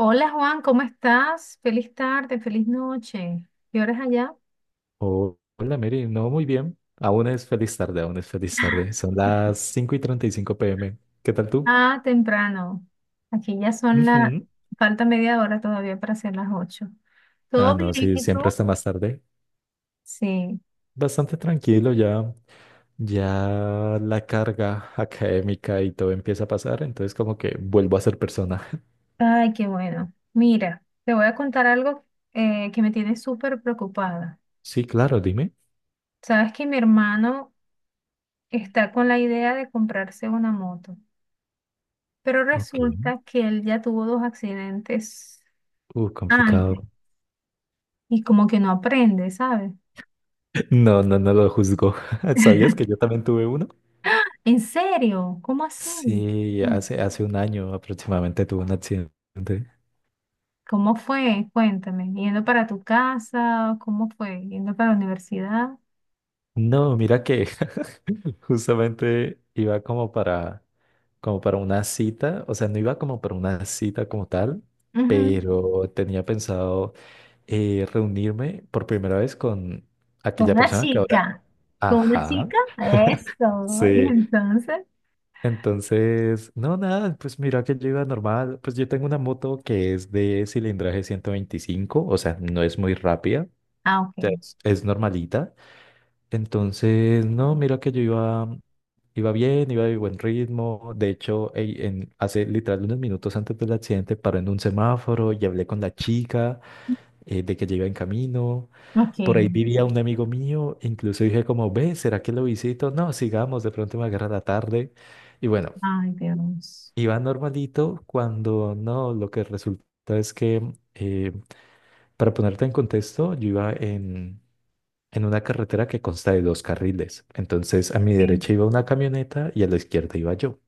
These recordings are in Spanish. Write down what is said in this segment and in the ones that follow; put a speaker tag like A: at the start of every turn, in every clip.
A: Hola Juan, ¿cómo estás? Feliz tarde, feliz noche. ¿Qué horas allá?
B: Oh, hola Mary, no muy bien. Aún es feliz tarde, aún es feliz tarde. Son las cinco y 35 pm. ¿Qué tal tú?
A: Ah, temprano. Aquí ya son la.
B: Ujú.
A: Falta media hora todavía para hacer las 8.
B: Ah,
A: ¿Todo bien?
B: no, sí,
A: ¿Y
B: siempre
A: tú?
B: está más tarde.
A: Sí.
B: Bastante tranquilo ya. Ya la carga académica y todo empieza a pasar, entonces como que vuelvo a ser persona.
A: Ay, qué bueno. Mira, te voy a contar algo que me tiene súper preocupada.
B: Sí, claro, dime.
A: Sabes que mi hermano está con la idea de comprarse una moto, pero
B: Ok.
A: resulta que él ya tuvo dos accidentes antes
B: Complicado.
A: y como que no aprende, ¿sabes?
B: No, no, no lo juzgo. ¿Sabías que yo también tuve uno?
A: ¿En serio? ¿Cómo así?
B: Sí,
A: Mm.
B: hace un año aproximadamente tuve un accidente.
A: ¿Cómo fue? Cuéntame. ¿Yendo para tu casa? ¿Cómo fue? ¿Yendo para la universidad?
B: No, mira que justamente iba como para, una cita, o sea, no iba como para una cita como tal,
A: Ujú.
B: pero tenía pensado reunirme por primera vez con
A: Con
B: aquella
A: una
B: persona que ahora...
A: chica. ¿Con una
B: Ajá.
A: chica? Eso. Y
B: Sí.
A: entonces.
B: Entonces, no, nada, pues mira que yo iba normal, pues yo tengo una moto que es de cilindraje 125, o sea, no es muy rápida, o
A: Ah,
B: sea,
A: ok.
B: es normalita. Entonces, no, mira que yo iba bien, iba de buen ritmo. De hecho, ey, hace literal unos minutos antes del accidente paré en un semáforo y hablé con la chica de que ya iba en camino.
A: Ok.
B: Por
A: Ay,
B: ahí vivía un amigo mío, incluso dije como, ve, ¿será que lo visito? No, sigamos, de pronto me agarra la tarde. Y bueno,
A: Dios.
B: iba normalito cuando no, lo que resulta es que, eh, para ponerte en contexto, yo iba en una carretera que consta de dos carriles. Entonces a mi
A: Ok.
B: derecha iba una camioneta y a la izquierda iba yo.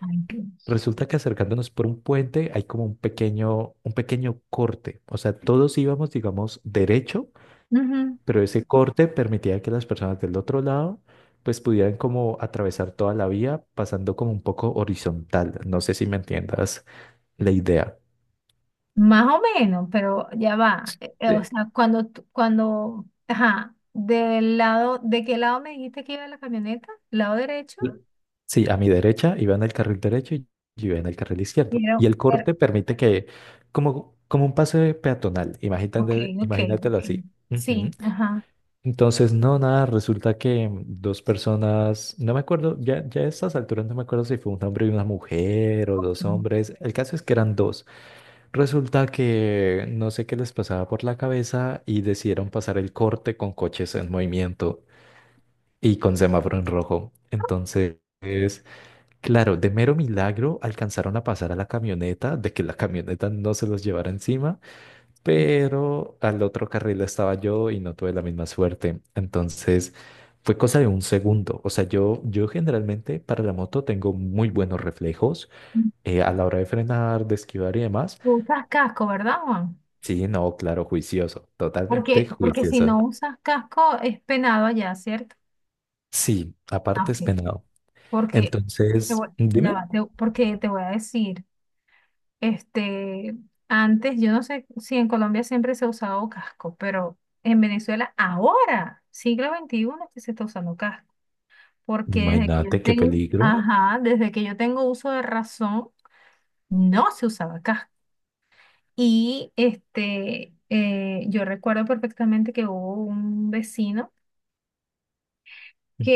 A: Ay, Dios.
B: Resulta que acercándonos por un puente hay como un pequeño corte. O sea, todos íbamos, digamos, derecho,
A: Ujú.
B: pero ese corte permitía que las personas del otro lado pues pudieran como atravesar toda la vía pasando como un poco horizontal. No sé si me entiendas la idea.
A: Más o menos, pero ya va. O
B: Sí.
A: sea, cuando, cuando, ajá, del lado, ¿de qué lado me dijiste que iba la camioneta? ¿Lado derecho?
B: L- Sí, a mi derecha iba en el carril derecho y yo iba en el carril izquierdo. Y el
A: Pero,
B: corte permite que, como un pase peatonal,
A: ok,
B: imagínate,
A: ok,
B: imagínatelo
A: ok.
B: así. Ujú.
A: Sí, ajá.
B: Entonces, no, nada, resulta que dos personas, no me acuerdo, ya a estas alturas no me acuerdo si fue un hombre y una mujer o dos
A: Okay.
B: hombres, el caso es que eran dos. Resulta que no sé qué les pasaba por la cabeza y decidieron pasar el corte con coches en movimiento y con semáforo en rojo. Entonces... Claro, de mero milagro alcanzaron a pasar a la camioneta, de que la camioneta no se los llevara encima, pero al otro carril estaba yo y no tuve la misma suerte. Entonces fue cosa de un segundo. O sea, yo generalmente para la moto tengo muy buenos reflejos a la hora de frenar, de esquivar y demás.
A: Tú usas casco, ¿verdad, Juan?
B: Sí, no, claro, juicioso, totalmente
A: Porque si
B: juicioso.
A: no usas casco es penado allá, ¿cierto?
B: Sí,
A: Ah,
B: aparte es
A: ok.
B: penado.
A: Porque te
B: Entonces,
A: voy, ya
B: dime,
A: va, porque te voy a decir, este, antes, yo no sé si en Colombia siempre se ha usado casco, pero en Venezuela ahora, siglo XXI es que se está usando casco. Porque desde que yo
B: imagínate qué
A: tengo,
B: peligro.
A: ajá, desde que yo tengo uso de razón, no se usaba casco. Y yo recuerdo perfectamente que hubo un vecino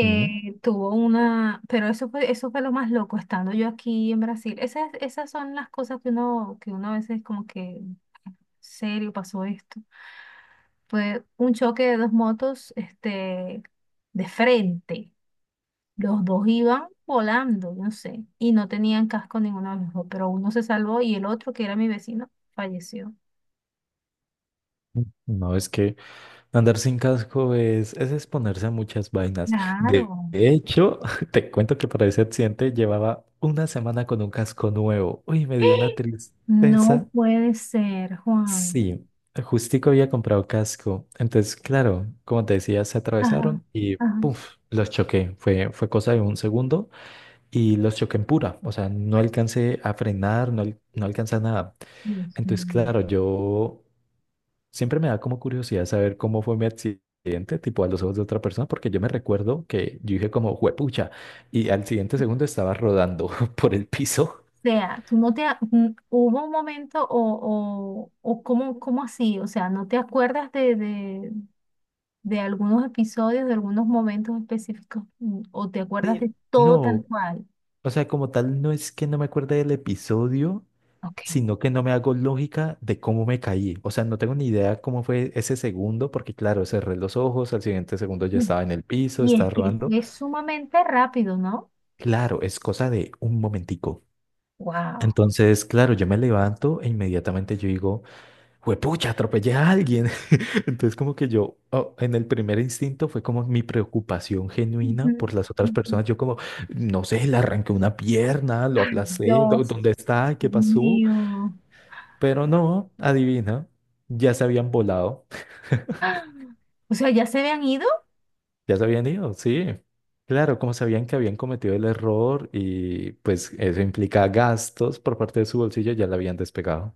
B: Ujú.
A: tuvo una, pero eso fue lo más loco, estando yo aquí en Brasil. Esas son las cosas que uno a veces como que, serio, pasó esto. Fue un choque de dos motos, de frente. Los dos iban volando, no sé, y no tenían casco ninguno de los dos, pero uno se salvó y el otro, que era mi vecino, falleció.
B: No es que... Andar sin casco es exponerse a muchas vainas. De
A: Claro.
B: hecho, te cuento que para ese accidente llevaba una semana con un casco nuevo. Uy, me dio una
A: No
B: tristeza.
A: puede ser, Juan.
B: Sí, justico había comprado casco. Entonces, claro, como te decía, se
A: Ajá,
B: atravesaron y
A: ajá.
B: puff, los choqué. Fue cosa de un segundo y los choqué en pura. O sea, no alcancé a frenar, no, no alcancé a nada.
A: Dios
B: Entonces,
A: mío.
B: claro, yo. Siempre me da como curiosidad saber cómo fue mi accidente, tipo a los ojos de otra persona, porque yo me recuerdo que yo dije como, juepucha, y al siguiente segundo estaba rodando por el piso.
A: O sea, tú no te... a- n- ¿Hubo un momento o cómo así? O sea, ¿no te acuerdas de algunos episodios, de algunos momentos específicos? ¿O te acuerdas
B: Sí,
A: de todo tal
B: no,
A: cual?
B: o sea, como tal, no es que no me acuerde del episodio,
A: Ok.
B: sino que no me hago lógica de cómo me caí. O sea, no tengo ni idea cómo fue ese segundo, porque claro, cerré los ojos, al siguiente segundo ya
A: Mm.
B: estaba en el piso,
A: Y
B: estaba
A: es que
B: rodando.
A: es sumamente rápido, ¿no?
B: Claro, es cosa de un momentico.
A: Wow.
B: Entonces, claro, yo me levanto e inmediatamente yo digo... Juepucha, atropellé a alguien. Entonces, como que yo, oh, en el primer instinto fue como mi preocupación
A: Ujú,
B: genuina por las otras
A: ujú.
B: personas. Yo como, no sé, le arranqué una pierna, lo
A: Ay,
B: aplacé,
A: Dios
B: ¿dónde está? ¿Qué pasó?
A: mío.
B: Pero no, adivina, ya se habían volado,
A: O sea, ¿ya se habían ido?
B: ya se habían ido, sí. Claro, como sabían que habían cometido el error y pues eso implica gastos por parte de su bolsillo, ya la habían despegado.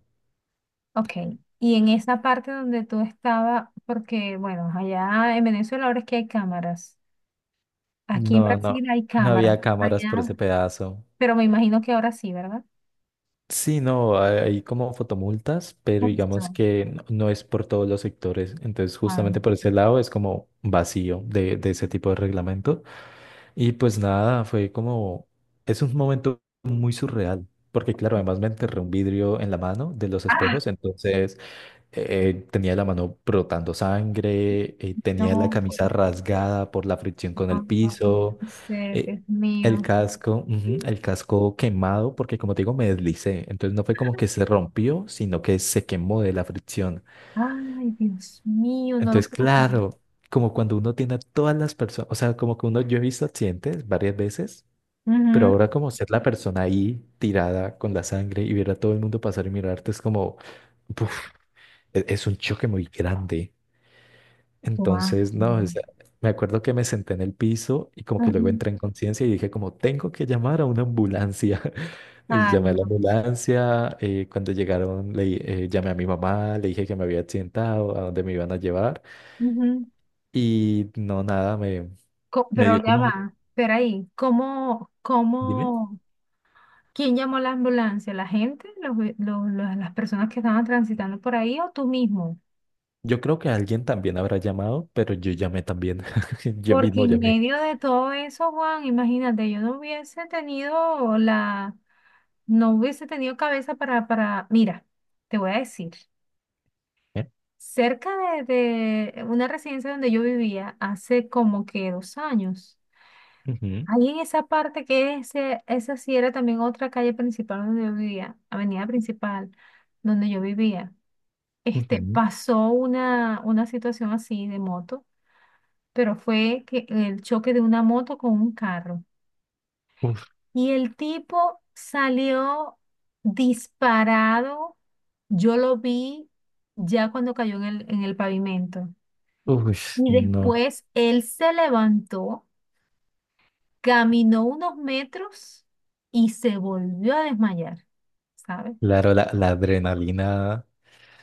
A: Ok, y en esa parte donde tú estabas, porque bueno, allá en Venezuela ahora es que hay cámaras, aquí en
B: No, no,
A: Brasil hay
B: no
A: cámaras,
B: había cámaras
A: allá,
B: por ese pedazo.
A: pero me imagino que ahora sí, ¿verdad?
B: Sí, no, hay como fotomultas, pero digamos
A: Eso.
B: que no es por todos los sectores. Entonces,
A: Ah,
B: justamente por ese lado es como vacío de ese tipo de reglamento. Y pues nada, fue como, es un momento muy surreal, porque claro, además me enterré un vidrio en la mano de los
A: ah,
B: espejos, entonces tenía la mano brotando sangre, tenía la
A: no,
B: camisa
A: puede ser,
B: rasgada por la fricción con el
A: no, no, no
B: piso,
A: puede ser,
B: eh,
A: Dios
B: el
A: mío.
B: casco, ujú, el casco quemado, porque como te digo, me deslicé. Entonces no fue como que se rompió, sino que se quemó de la fricción.
A: Ay, Dios mío, no lo
B: Entonces,
A: puedo creer.
B: claro, como cuando uno tiene a todas las personas, o sea, como que uno, yo he visto accidentes varias veces. Pero
A: Ujú.
B: ahora como ser la persona ahí tirada con la sangre y ver a todo el mundo pasar y mirarte es como, uf, es un choque muy grande.
A: Guau.
B: Entonces, no, o sea, me acuerdo que me senté en el piso y como que luego
A: Ujú.
B: entré en conciencia y dije como, tengo que llamar a una ambulancia. Y
A: Ay,
B: llamé a la
A: Dios.
B: ambulancia, cuando llegaron llamé a mi mamá, le dije que me había accidentado, a dónde me iban a llevar
A: Ujú.
B: y no, nada, me, me dio
A: Pero ya
B: como,
A: va, espera ahí, ¿cómo,
B: dime,
A: cómo? ¿Quién llamó la ambulancia? ¿La gente? ¿Los las personas que estaban transitando por ahí o tú mismo?
B: yo creo que alguien también habrá llamado, pero yo llamé también, yo
A: Porque
B: mismo
A: en
B: llamé.
A: medio de todo eso, Juan, imagínate, yo no hubiese tenido no hubiese tenido cabeza para, mira, te voy a decir,
B: ¿Eh?
A: cerca de, de una residencia donde yo vivía hace como que 2 años,
B: Ujú,
A: ahí en esa parte que esa sí era también otra calle principal donde yo vivía, avenida principal donde yo vivía.
B: ujú.
A: Pasó una situación así de moto, pero fue que el choque de una moto con un carro.
B: Uf,
A: Y el tipo salió disparado. Yo lo vi ya cuando cayó en el pavimento.
B: uf,
A: Y
B: no,
A: después él se levantó, caminó unos metros y se volvió a desmayar, ¿sabes?
B: claro, la adrenalina.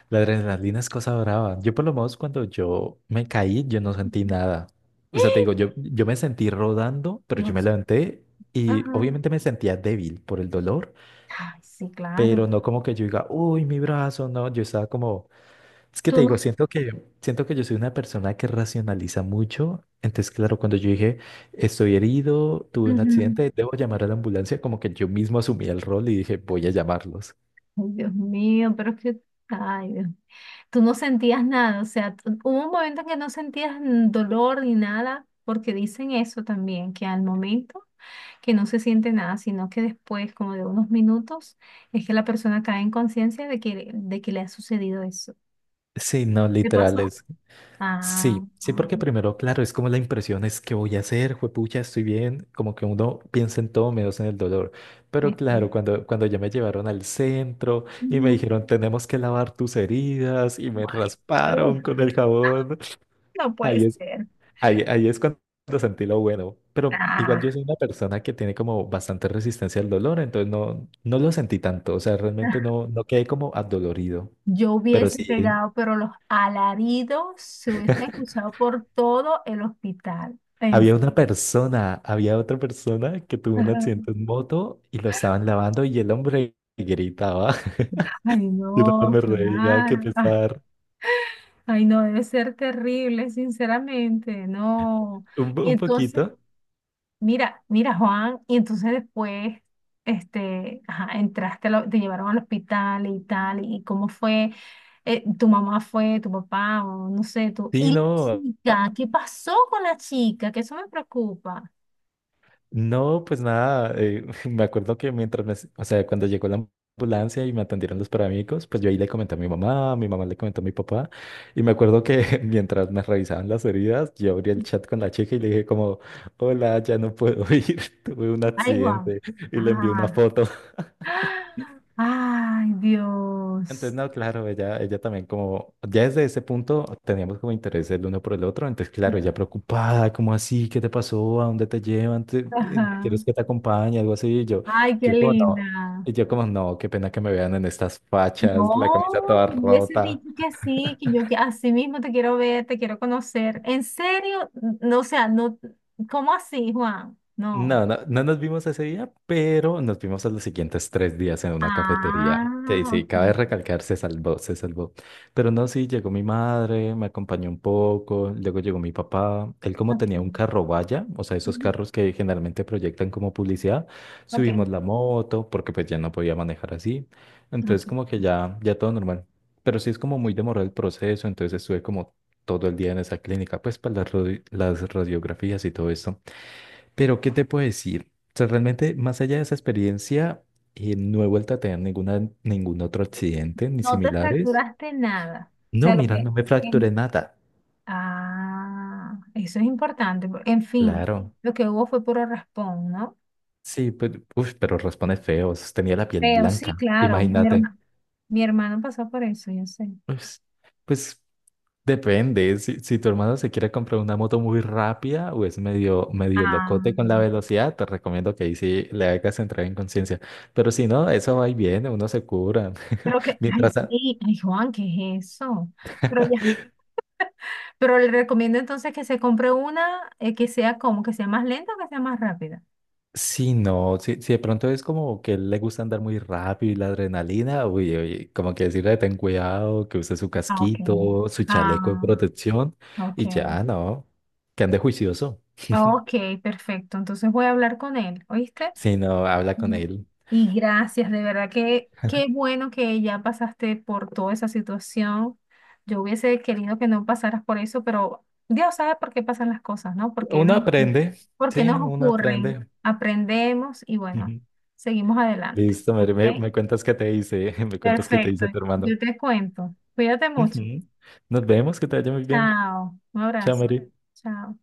B: La adrenalina es cosa brava. Yo por lo menos cuando yo me caí, yo no sentí
A: Ujú.
B: nada. O sea, te digo, yo me sentí rodando, pero yo me
A: Dios.
B: levanté y
A: Ajá.
B: obviamente me sentía débil por el dolor,
A: Ay, sí, claro.
B: pero no como que yo diga, uy, mi brazo, no, yo estaba como, es que te digo,
A: Tú
B: siento que, yo soy una persona que racionaliza mucho. Entonces, claro, cuando yo dije, estoy herido, tuve un
A: no.
B: accidente, debo llamar a la ambulancia, como que yo mismo asumí el rol y dije, voy a llamarlos.
A: Ay, Dios mío, pero es que, ay, Dios, tú no sentías nada, o sea, hubo un momento en que no sentías dolor ni nada, porque dicen eso también, que al momento que no se siente nada, sino que después, como de unos minutos, es que la persona cae en conciencia de que le ha sucedido eso.
B: Sí, no,
A: ¿Qué pasó?
B: literales.
A: Ah,
B: Sí, sí,
A: ah,
B: porque primero, claro, es como la impresión es que voy a hacer, juepucha, estoy bien, como que uno piensa en todo menos en el dolor. Pero
A: ok.
B: claro, cuando ya me llevaron al centro y me
A: Ujú.
B: dijeron, tenemos que lavar tus heridas y me
A: My- Uf,
B: rasparon con el jabón,
A: no puede
B: ahí es,
A: ser.
B: ahí es cuando sentí lo bueno. Pero igual
A: Ah.
B: yo soy una persona que tiene como bastante resistencia al dolor, entonces no, no lo sentí tanto, o sea, realmente no, no quedé como adolorido,
A: Yo
B: pero
A: hubiese
B: sí.
A: pegado, pero los alaridos se hubiesen escuchado por todo el hospital.
B: Había una persona, había otra persona que tuvo un
A: Ajá.
B: accidente en moto y lo estaban lavando y el hombre gritaba.
A: Ay,
B: Yo
A: no,
B: también me reía, que
A: claro. Ah,
B: pesar.
A: ay, no, debe ser terrible, sinceramente, no.
B: Un, po-
A: Y
B: un
A: entonces,
B: poquito.
A: mira, mira, Juan, y entonces después, ajá, entraste, te llevaron al hospital y tal, y cómo fue, tu mamá fue, tu papá, o no sé, tú.
B: Sí,
A: ¿Y la
B: no.
A: chica? ¿Qué pasó con la chica? Que eso me preocupa.
B: No, pues nada. Me acuerdo que o sea, cuando llegó la ambulancia y me atendieron los paramédicos, pues yo ahí le comenté a mi mamá le comentó a mi papá. Y me acuerdo que mientras me revisaban las heridas, yo abrí el chat con la chica y le dije como, hola, ya no puedo ir, tuve un
A: Ay, Juan.
B: accidente y le envié una
A: Ah.
B: foto.
A: Ay,
B: Entonces,
A: Dios.
B: no, claro, ella también como, ya desde ese punto teníamos como interés el uno por el otro, entonces, claro, ella preocupada, ¿como así? ¿Qué te pasó? ¿A dónde te llevan?
A: Ajá.
B: ¿Quieres que te acompañe? Algo así, y yo,
A: Ay, qué
B: yo como no,
A: linda.
B: y yo como no qué pena que me vean en estas fachas, la camisa
A: No,
B: toda
A: tú les he
B: rota.
A: dicho que sí, que yo que así mismo te quiero ver, te quiero conocer. ¿En serio? No, o sea, no, ¿cómo así, Juan? No.
B: No, no, no nos vimos ese día, pero nos vimos a los siguientes 3 días en una cafetería.
A: Ah,
B: Sí, sí,
A: ok,
B: cabe recalcar, se salvó, se salvó. Pero no, sí, llegó mi madre, me acompañó un poco, luego llegó mi papá. Él como tenía un
A: ok.
B: carro vaya, o sea, esos
A: Ujú.
B: carros que generalmente proyectan como publicidad,
A: Ok,
B: subimos la moto porque pues ya no podía manejar así. Entonces
A: ok.
B: como que ya, ya todo normal. Pero sí es como muy demorado el proceso, entonces estuve como todo el día en esa clínica, pues para las radiografías y todo esto. Pero, ¿qué te puedo decir? O sea, realmente, más allá de esa experiencia, no he vuelto a tener ninguna, ningún otro accidente ni
A: No te
B: similares.
A: fracturaste nada. O
B: No,
A: sea, lo
B: mira,
A: que,
B: no me fracturé nada.
A: ah, eso es importante. En fin,
B: Claro.
A: lo que hubo fue puro raspón, ¿no?
B: Sí, pues, uff, pero responde feo. Tenía la piel
A: Pero sí,
B: blanca.
A: claro, mi
B: Imagínate.
A: hermano, mi hermano pasó por eso, yo sé.
B: Pues, pues depende. Si tu hermano se quiere comprar una moto muy rápida o es medio, medio
A: Ah,
B: locote con la velocidad, te recomiendo que ahí sí le hagas entrar en conciencia. Pero si no, eso va y viene, uno se cura.
A: pero que, ay,
B: Mientras.
A: sí, ay, Juan, ¿qué es eso? Pero ya, pero le recomiendo entonces que se compre una que sea como, que sea más lenta o que sea más rápida.
B: Sí, no, si de pronto es como que le gusta andar muy rápido y la adrenalina, uy, uy, como que decirle ten cuidado, que use su
A: Ah, ok.
B: casquito, su chaleco de
A: Ah,
B: protección
A: ok.
B: y ya, no, que ande juicioso.
A: Ah, ok, perfecto. Entonces voy a hablar con él, ¿oíste?
B: Si no, habla con él.
A: Y gracias, de verdad que qué bueno que ya pasaste por toda esa situación. Yo hubiese querido que no pasaras por eso, pero Dios sabe por qué pasan las cosas, ¿no? Porque
B: Uno
A: nos,
B: aprende,
A: por qué
B: sí,
A: nos
B: no, uno
A: ocurren.
B: aprende.
A: Aprendemos y bueno,
B: Ujú.
A: seguimos adelante,
B: Listo, Mary, me,
A: ¿ok?
B: me cuentas qué te dice, me cuentas qué te
A: Perfecto.
B: dice tu hermano.
A: Yo te cuento. Cuídate mucho.
B: Ujú. Nos vemos, que te vaya muy bien.
A: Chao. Un
B: Chao,
A: abrazo.
B: Mary.
A: Chao.